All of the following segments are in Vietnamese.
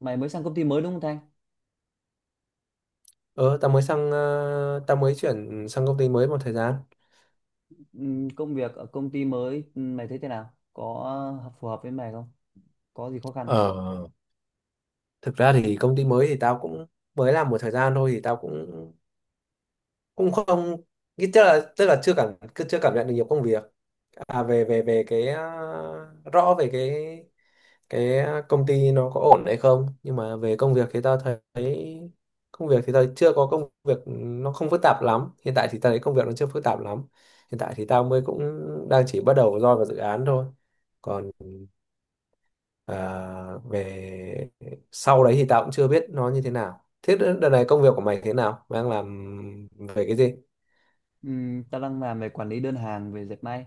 Mày mới sang công ty mới đúng không Thanh? Ờ, tao mới chuyển sang công ty mới một thời gian. Công việc ở công ty mới, mày thấy thế nào? Có phù hợp với mày không? Có gì khó khăn không? Ờ, thực ra thì công ty mới thì tao cũng mới làm một thời gian thôi thì tao cũng cũng không tức là chưa cảm nhận được nhiều công việc, về về về cái rõ về cái công ty nó có ổn hay không, nhưng mà về công việc thì tao thấy công việc thì tao chưa có, công việc nó không phức tạp lắm, hiện tại thì tao thấy công việc nó chưa phức tạp lắm, hiện tại thì tao mới cũng đang chỉ bắt đầu roi vào dự án thôi, còn, Ờ, về sau đấy thì tao cũng chưa biết nó như thế nào. Thế đợt này công việc của mày thế nào? Mày đang làm về cái gì? Tao đang làm về quản lý đơn hàng về dệt may.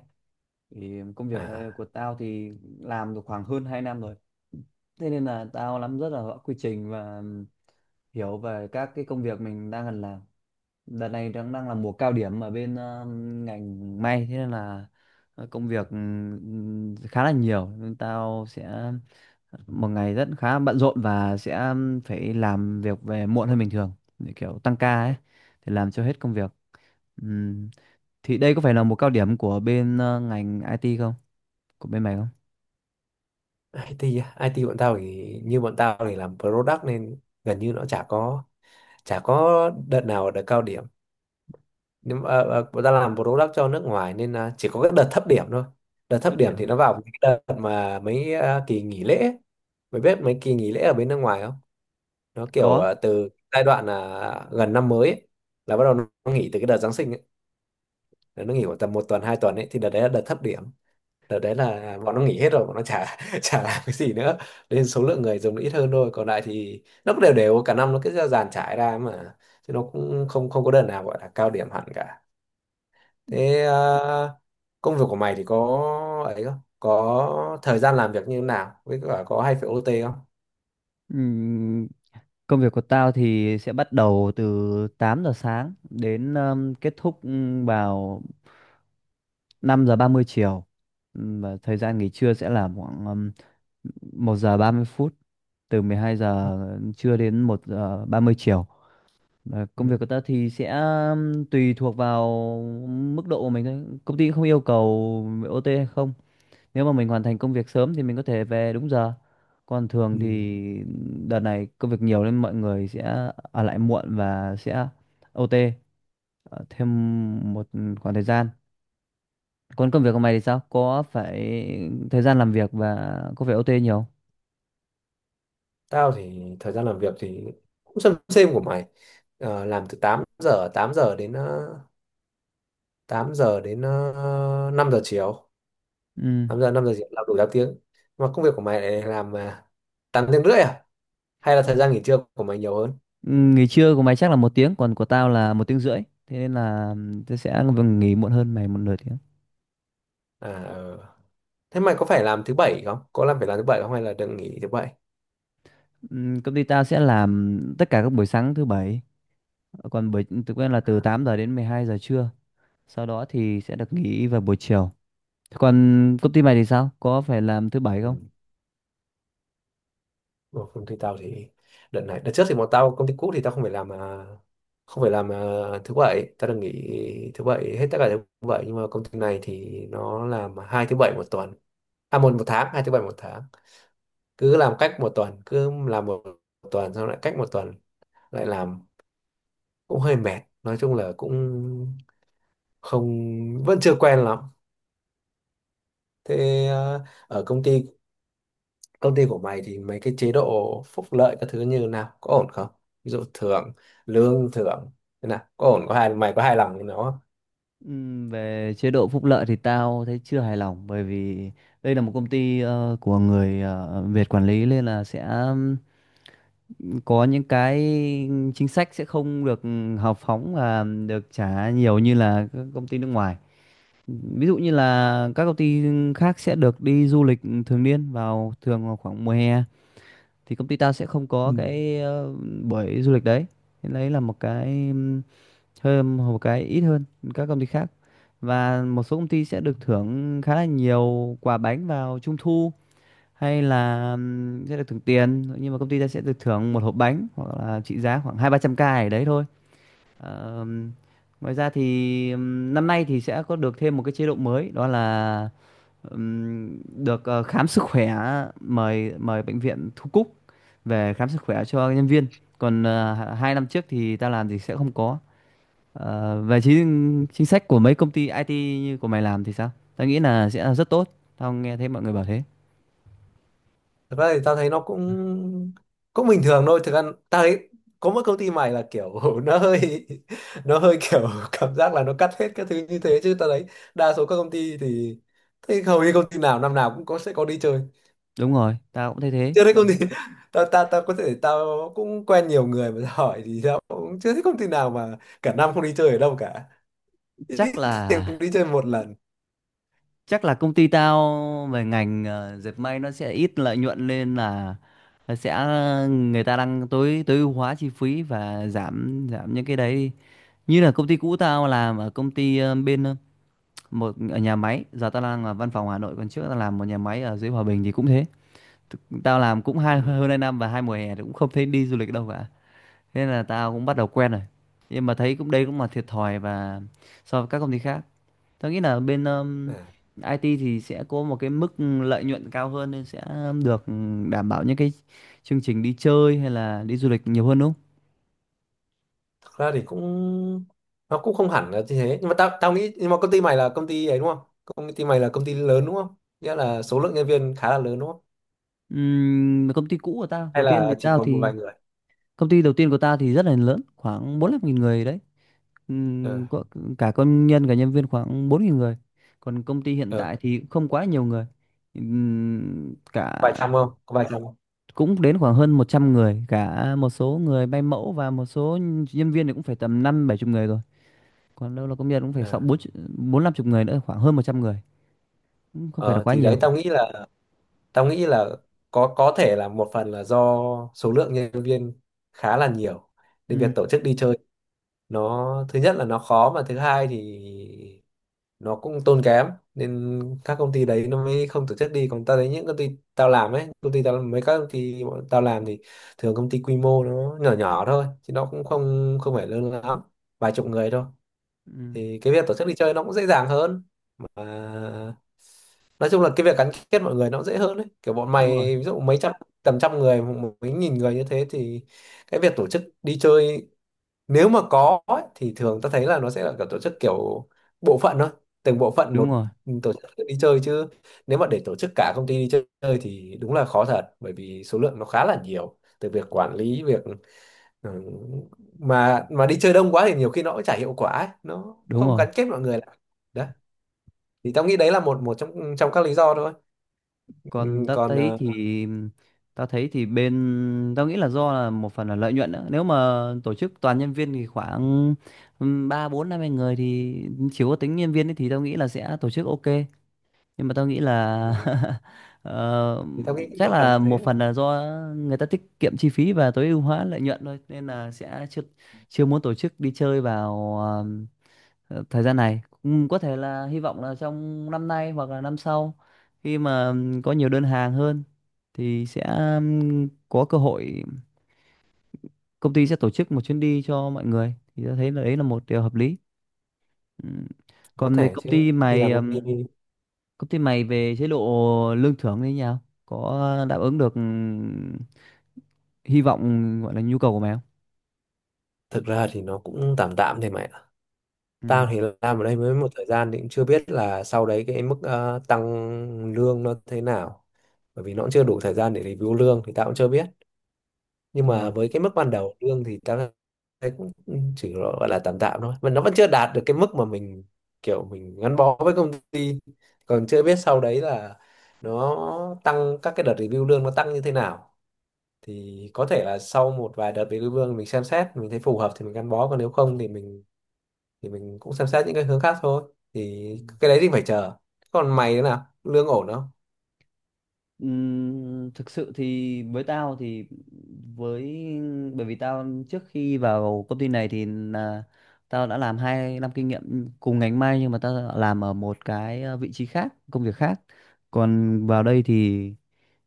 Thì công việc À, của tao thì làm được khoảng hơn 2 năm rồi. Thế nên là tao nắm rất là rõ quy trình và hiểu về các cái công việc mình đang cần làm. Đợt này đang đang là mùa cao điểm ở bên ngành may, thế nên là công việc khá là nhiều nên tao sẽ một ngày rất khá bận rộn và sẽ phải làm việc về muộn hơn bình thường, để kiểu tăng ca ấy, để làm cho hết công việc. Ừm, thì đây có phải là một cao điểm của bên ngành IT không, của bên mày không? IT á. IT bọn tao thì, như bọn tao thì làm product nên gần như nó chả có đợt nào là đợt cao điểm. Nhưng mà, bọn tao làm product cho nước ngoài nên, chỉ có cái đợt thấp điểm thôi. Đợt Thật thấp điểm điểm thì nó à? vào cái đợt mà mấy, kỳ nghỉ lễ ấy. Mày biết mấy kỳ nghỉ lễ ở bên nước ngoài nó kiểu, Có. Từ giai đoạn là gần năm mới ấy, là bắt đầu nó nghỉ từ cái đợt Giáng sinh ấy. Là nó nghỉ khoảng tầm một tuần hai tuần ấy, thì đợt đấy là đợt thấp điểm, đợt đấy là bọn nó nghỉ hết rồi, bọn nó chả chả làm cái gì nữa, nên số lượng người dùng nó ít hơn thôi, còn lại thì nó cũng đều đều cả năm, nó cứ dàn trải ra mà, chứ nó cũng không không có đợt nào gọi là cao điểm hẳn cả. Thế, công việc của mày thì có ấy không có thời gian làm việc như thế nào, với cả có hay phải OT không? Ừm, Công việc của tao thì sẽ bắt đầu từ 8 giờ sáng đến, kết thúc vào 5 giờ 30 chiều. Và thời gian nghỉ trưa sẽ là khoảng 1 giờ 30 phút, từ 12 giờ trưa đến 1 giờ 30 chiều. Và Ừ. công việc của ta thì sẽ, tùy thuộc vào mức độ của mình thôi. Công ty không yêu cầu OT hay không. Nếu mà mình hoàn thành công việc sớm thì mình có thể về đúng giờ. Còn thường Ừ. thì đợt này công việc nhiều nên mọi người sẽ ở lại muộn và sẽ OT thêm một khoảng thời gian. Còn công việc của mày thì sao? Có phải thời gian làm việc và có phải OT nhiều không? Tao thì thời gian làm việc thì cũng xem của mày. Làm từ 8 giờ đến ờ, 8 giờ đến 5 giờ chiều. Ừ. 8 giờ, 5 giờ chiều, làm đủ 8 tiếng. Mà công việc của mày lại làm, 8 tiếng rưỡi à? Hay là thời gian nghỉ trưa của mày nhiều hơn? Ừ, nghỉ trưa của mày chắc là một tiếng, còn của tao là một tiếng rưỡi. Thế nên là tao sẽ nghỉ muộn hơn mày một nửa tiếng. À, ờ. Thế mày có phải làm thứ bảy không? Có phải làm thứ bảy không, hay là đừng nghỉ thứ bảy? Công ty tao sẽ làm tất cả các buổi sáng thứ bảy, còn buổi thực quen là từ À, 8 giờ đến 12 giờ trưa. Sau đó thì sẽ được nghỉ vào buổi chiều. Còn công ty mày thì sao? Có phải làm thứ bảy ừ. không? Còn công ty tao thì, đợt trước thì bọn tao công ty cũ, thì tao không phải làm, thứ bảy tao được nghỉ thứ bảy, hết tất cả thứ bảy. Nhưng mà công ty này thì nó làm hai thứ bảy một tuần, à, một một tháng hai thứ bảy một tháng, cứ làm cách một tuần, cứ làm một tuần xong lại cách một tuần lại làm, cũng hơi mệt. Nói chung là cũng không vẫn chưa quen lắm. Thế, à, ở công ty của mày thì mấy cái chế độ phúc lợi các thứ như nào có ổn không, ví dụ thưởng, thưởng thế nào, có ổn có hài mày có hài lòng với nó không? Về chế độ phúc lợi thì tao thấy chưa hài lòng, bởi vì đây là một công ty của người Việt quản lý, nên là sẽ, có những cái chính sách sẽ không được hào phóng và được trả nhiều như là các công ty nước ngoài. Ví dụ như là các công ty khác sẽ được đi du lịch thường niên vào, thường vào khoảng mùa hè, thì công ty tao sẽ không có Ừ. cái buổi du lịch đấy. Thế đấy là một cái hơn, một cái ít hơn các công ty khác. Và một số công ty sẽ được thưởng khá là nhiều quà bánh vào trung thu hay là sẽ được thưởng tiền, nhưng mà công ty ta sẽ được thưởng một hộp bánh hoặc là trị giá khoảng hai ba trăm k gì đấy thôi. Ờm, Ngoài ra thì, năm nay thì sẽ có được thêm một cái chế độ mới, đó là ừm, được khám sức khỏe, mời mời bệnh viện Thu Cúc về khám sức khỏe cho nhân viên, còn hai năm trước thì ta làm thì sẽ không có. Về chính chính sách của mấy công ty IT như của mày làm thì sao? Tao nghĩ là sẽ là rất tốt. Tao nghe thấy mọi người bảo thế. Thực ra thì tao thấy nó cũng cũng bình thường thôi, thực ra tao thấy có mỗi công ty mày là kiểu nó hơi kiểu cảm giác là nó cắt hết các thứ như thế, chứ tao thấy đa số các công ty thì thấy hầu như công ty nào năm nào cũng có sẽ có đi chơi. Đúng rồi, tao cũng thấy thế. Chưa thấy công ty tao tao tao có thể tao cũng quen nhiều người mà tao hỏi, thì tao cũng chưa thấy công ty nào mà cả năm không đi chơi ở đâu cả, ít Chắc là thì cũng đi chơi một lần. chắc là công ty tao về ngành dệt may nó sẽ ít lợi nhuận, nên là nó sẽ, người ta đang tối tối ưu hóa chi phí và giảm giảm những cái đấy. Như là công ty cũ tao làm ở công ty bên một ở nhà máy, giờ tao đang ở văn phòng Hà Nội, còn trước tao làm một nhà máy ở dưới Hòa Bình thì cũng thế. Tao làm cũng Ừ. hai, hơn hai năm và hai mùa hè thì cũng không thấy đi du lịch đâu cả, thế nên là tao cũng bắt đầu quen rồi, nhưng mà thấy cũng đây cũng là thiệt thòi. Và so với các công ty khác, tao nghĩ là bên, À, IT thì sẽ có một cái mức lợi nhuận cao hơn nên sẽ được đảm bảo những cái chương trình đi chơi hay là đi du lịch nhiều hơn, đúng không? thật ra thì nó cũng không hẳn là như thế, nhưng mà tao tao nghĩ, nhưng mà công ty mày là công ty ấy đúng không, công ty mày là công ty lớn đúng không, nghĩa là số lượng nhân viên khá là lớn đúng không, Công ty cũ của tao hay đầu tiên thì là chỉ tao còn một thì, vài người? công ty đầu tiên của ta thì rất là lớn, khoảng 45 nghìn người đấy. ờ Có cả công nhân cả nhân viên khoảng 4.000 người. Còn công ty hiện ờ tại thì cũng không quá nhiều người. Cả vài trăm không có vài trăm không? cũng đến khoảng hơn 100 người, cả một số người bay mẫu và một số nhân viên thì cũng phải tầm năm bảy chục người rồi. Còn đâu là công nhân cũng phải sáu ờ bốn bốn năm chục người nữa, khoảng hơn 100 người. Cũng không phải là Ờ, quá thì nhiều. đấy, tao nghĩ là có thể là một phần là do số lượng nhân viên khá là nhiều, nên việc Ừ. tổ chức đi chơi, nó thứ nhất là nó khó, mà thứ hai thì nó cũng tốn kém, nên các công ty đấy nó mới không tổ chức đi. Còn tao thấy những công ty tao làm ấy công ty tao mấy các công ty bọn tao làm thì thường công ty quy mô nó nhỏ nhỏ thôi, chứ nó cũng không không phải lớn lắm, vài chục người thôi. Ừ. Thì cái việc tổ chức đi chơi nó cũng dễ dàng hơn, mà nói chung là cái việc gắn kết mọi người nó cũng dễ hơn. Đấy, kiểu bọn Đúng rồi, mày ví dụ mấy trăm tầm trăm người, mấy nghìn người như thế thì cái việc tổ chức đi chơi, nếu mà có ấy, thì thường ta thấy là nó sẽ là kiểu tổ chức kiểu bộ phận thôi, từng bộ phận đúng một rồi, tổ chức đi chơi. Chứ nếu mà để tổ chức cả công ty đi chơi thì đúng là khó thật, bởi vì số lượng nó khá là nhiều, từ việc quản lý việc. Ừ. Mà đi chơi đông quá thì nhiều khi nó cũng chả hiệu quả ấy, nó đúng không rồi. gắn kết mọi người lại. Đó, thì tao nghĩ đấy là một một trong trong các lý do thôi. Ừ, Còn ta còn, thấy thì Ta thấy thì bên, tao nghĩ là do là một phần là lợi nhuận nữa, nếu mà tổ chức toàn nhân viên thì khoảng, ba bốn năm mươi người thì chỉ có tính nhân viên ấy, thì tao nghĩ là sẽ tổ chức ok, nhưng mà tao nghĩ ừ, là ờ, thì tao nghĩ cũng chắc một phần là là thế một đấy. phần là do người ta tiết kiệm chi phí và tối ưu hóa lợi nhuận thôi, nên là sẽ chưa chưa muốn tổ chức đi chơi vào thời gian này. Cũng có thể là hy vọng là trong năm nay hoặc là năm sau, khi mà có nhiều đơn hàng hơn thì sẽ, có cơ hội công ty sẽ tổ chức một chuyến đi cho mọi người, thì tôi thấy là đấy là một điều hợp lý. Ừm. Có Còn về thể công chứ, ty đi mày, làm công ty. Công ty mày về chế độ lương thưởng như thế nào, có đáp ứng được hy vọng gọi là nhu cầu của mày không? Thực ra thì nó cũng tạm tạm thì mẹ, Ừ, tao thì làm ở đây mới một thời gian thì cũng chưa biết là sau đấy cái mức, tăng lương nó thế nào, bởi vì nó cũng chưa đủ thời gian để review lương thì tao cũng chưa biết. Nhưng mà rồi. với cái mức ban đầu lương thì tao thấy cũng chỉ gọi là tạm tạm thôi, mà nó vẫn chưa đạt được cái mức mà mình kiểu mình gắn bó với công ty. Còn chưa biết sau đấy là nó tăng, các cái đợt review lương nó tăng như thế nào, thì có thể là sau một vài đợt review lương mình xem xét mình thấy phù hợp thì mình gắn bó, còn nếu không thì mình cũng xem xét những cái hướng khác thôi. Thì cái đấy thì phải chờ. Còn mày thế nào, lương ổn không? Thực sự thì với tao thì với, bởi vì tao trước khi vào công ty này thì là, tao đã làm hai năm kinh nghiệm cùng ngành may, nhưng mà tao làm ở một cái vị trí khác, công việc khác. Còn vào đây thì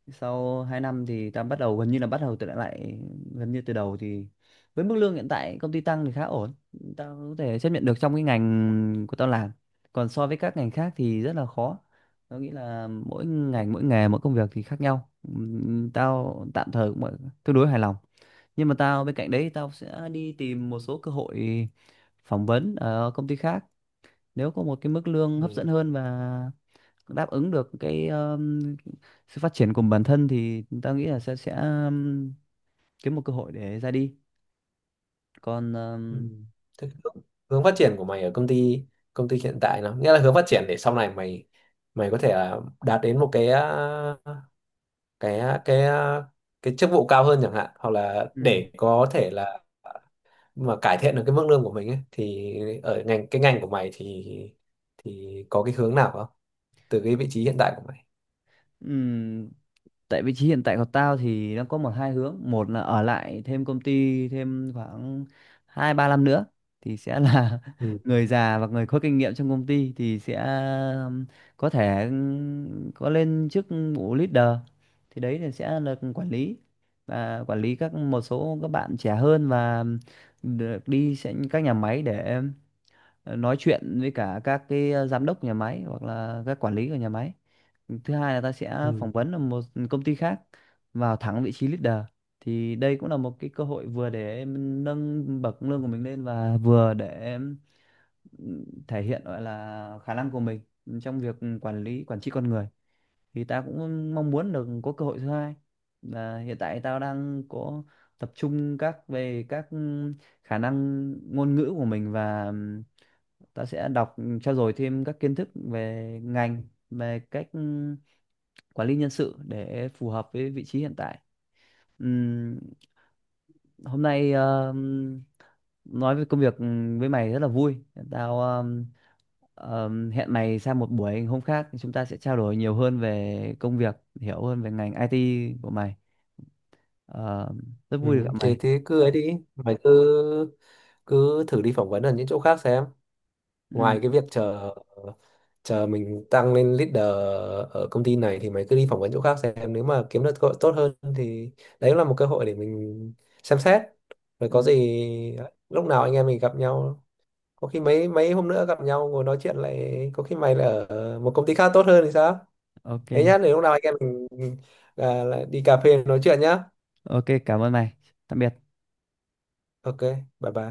sau 2 năm thì ta bắt đầu gần như là bắt đầu từ lại, gần như từ đầu, thì với mức lương hiện tại công ty tăng thì khá ổn, tao có thể chấp nhận được trong cái ngành của tao làm. Còn so với các ngành khác thì rất là khó, tao nghĩ là mỗi ngành, mỗi nghề, mỗi công việc thì khác nhau. Tao tạm thời cũng tương đối hài lòng, nhưng mà tao, bên cạnh đấy tao sẽ đi tìm một số cơ hội phỏng vấn ở công ty khác, nếu có một cái mức lương hấp dẫn Ừ. hơn và đáp ứng được cái, sự phát triển của bản thân thì ta nghĩ là sẽ, kiếm một cơ hội để ra đi. Còn, Ừ. Thế cái hướng hướng phát triển của mày ở công ty hiện tại, nó nghĩa là hướng phát triển để sau này mày mày có thể là đạt đến một cái, cái à, cái ờ, cái chức vụ cao hơn chẳng hạn, hoặc là ừ, để có thể là mà cải thiện được cái mức lương của mình ấy, thì ở ngành cái ngành của mày thì có cái hướng nào không, từ cái vị trí hiện tại của mày? ừ, tại vị trí hiện tại của tao thì nó có một hai hướng. Một là ở lại thêm công ty thêm khoảng hai ba năm nữa thì sẽ là Ừ. người già và người có kinh nghiệm trong công ty, thì sẽ um, có thể có lên chức vụ leader, thì đấy là sẽ là quản lý, và quản lý các một số các bạn trẻ hơn, và được đi sẽ các nhà máy để nói chuyện với cả các cái giám đốc nhà máy hoặc là các quản lý của nhà máy. Thứ hai là ta sẽ Ừ. phỏng vấn ở một công ty khác, vào thẳng vị trí leader, thì đây cũng là một cái cơ hội vừa để em nâng bậc lương của mình lên và vừa để em thể hiện gọi là khả năng của mình trong việc quản lý, quản trị con người. Thì ta cũng mong muốn được có cơ hội thứ hai, và hiện tại tao đang có tập trung các về các khả năng ngôn ngữ của mình. Và ta sẽ đọc, trau dồi thêm các kiến thức về ngành, về cách, ừ, quản lý nhân sự để phù hợp với vị trí hiện tại. Ừm, Hôm nay nói về công việc với mày rất là vui. Tao hẹn mày sang một buổi hôm khác, chúng ta sẽ trao đổi nhiều hơn về công việc, hiểu hơn về ngành IT của mày. Ờ, Rất Ừ. vui được gặp mày. thế cứ ấy đi mày, cứ cứ thử đi phỏng vấn ở những chỗ khác xem, Ừm, ngoài cái việc chờ chờ mình tăng lên leader ở công ty này, thì mày cứ đi phỏng vấn chỗ khác xem, nếu mà kiếm được cơ hội tốt hơn thì đấy là một cơ hội để mình xem xét. Rồi có ừm, gì lúc nào anh em mình gặp nhau, có khi mấy mấy hôm nữa gặp nhau ngồi nói chuyện lại, có khi mày lại ở một công ty khác tốt hơn thì sao. ok, Thế nhá, để lúc nào anh em mình, lại đi cà phê nói chuyện nhá. ok, cảm ơn mày. Tạm biệt. OK, bye bye.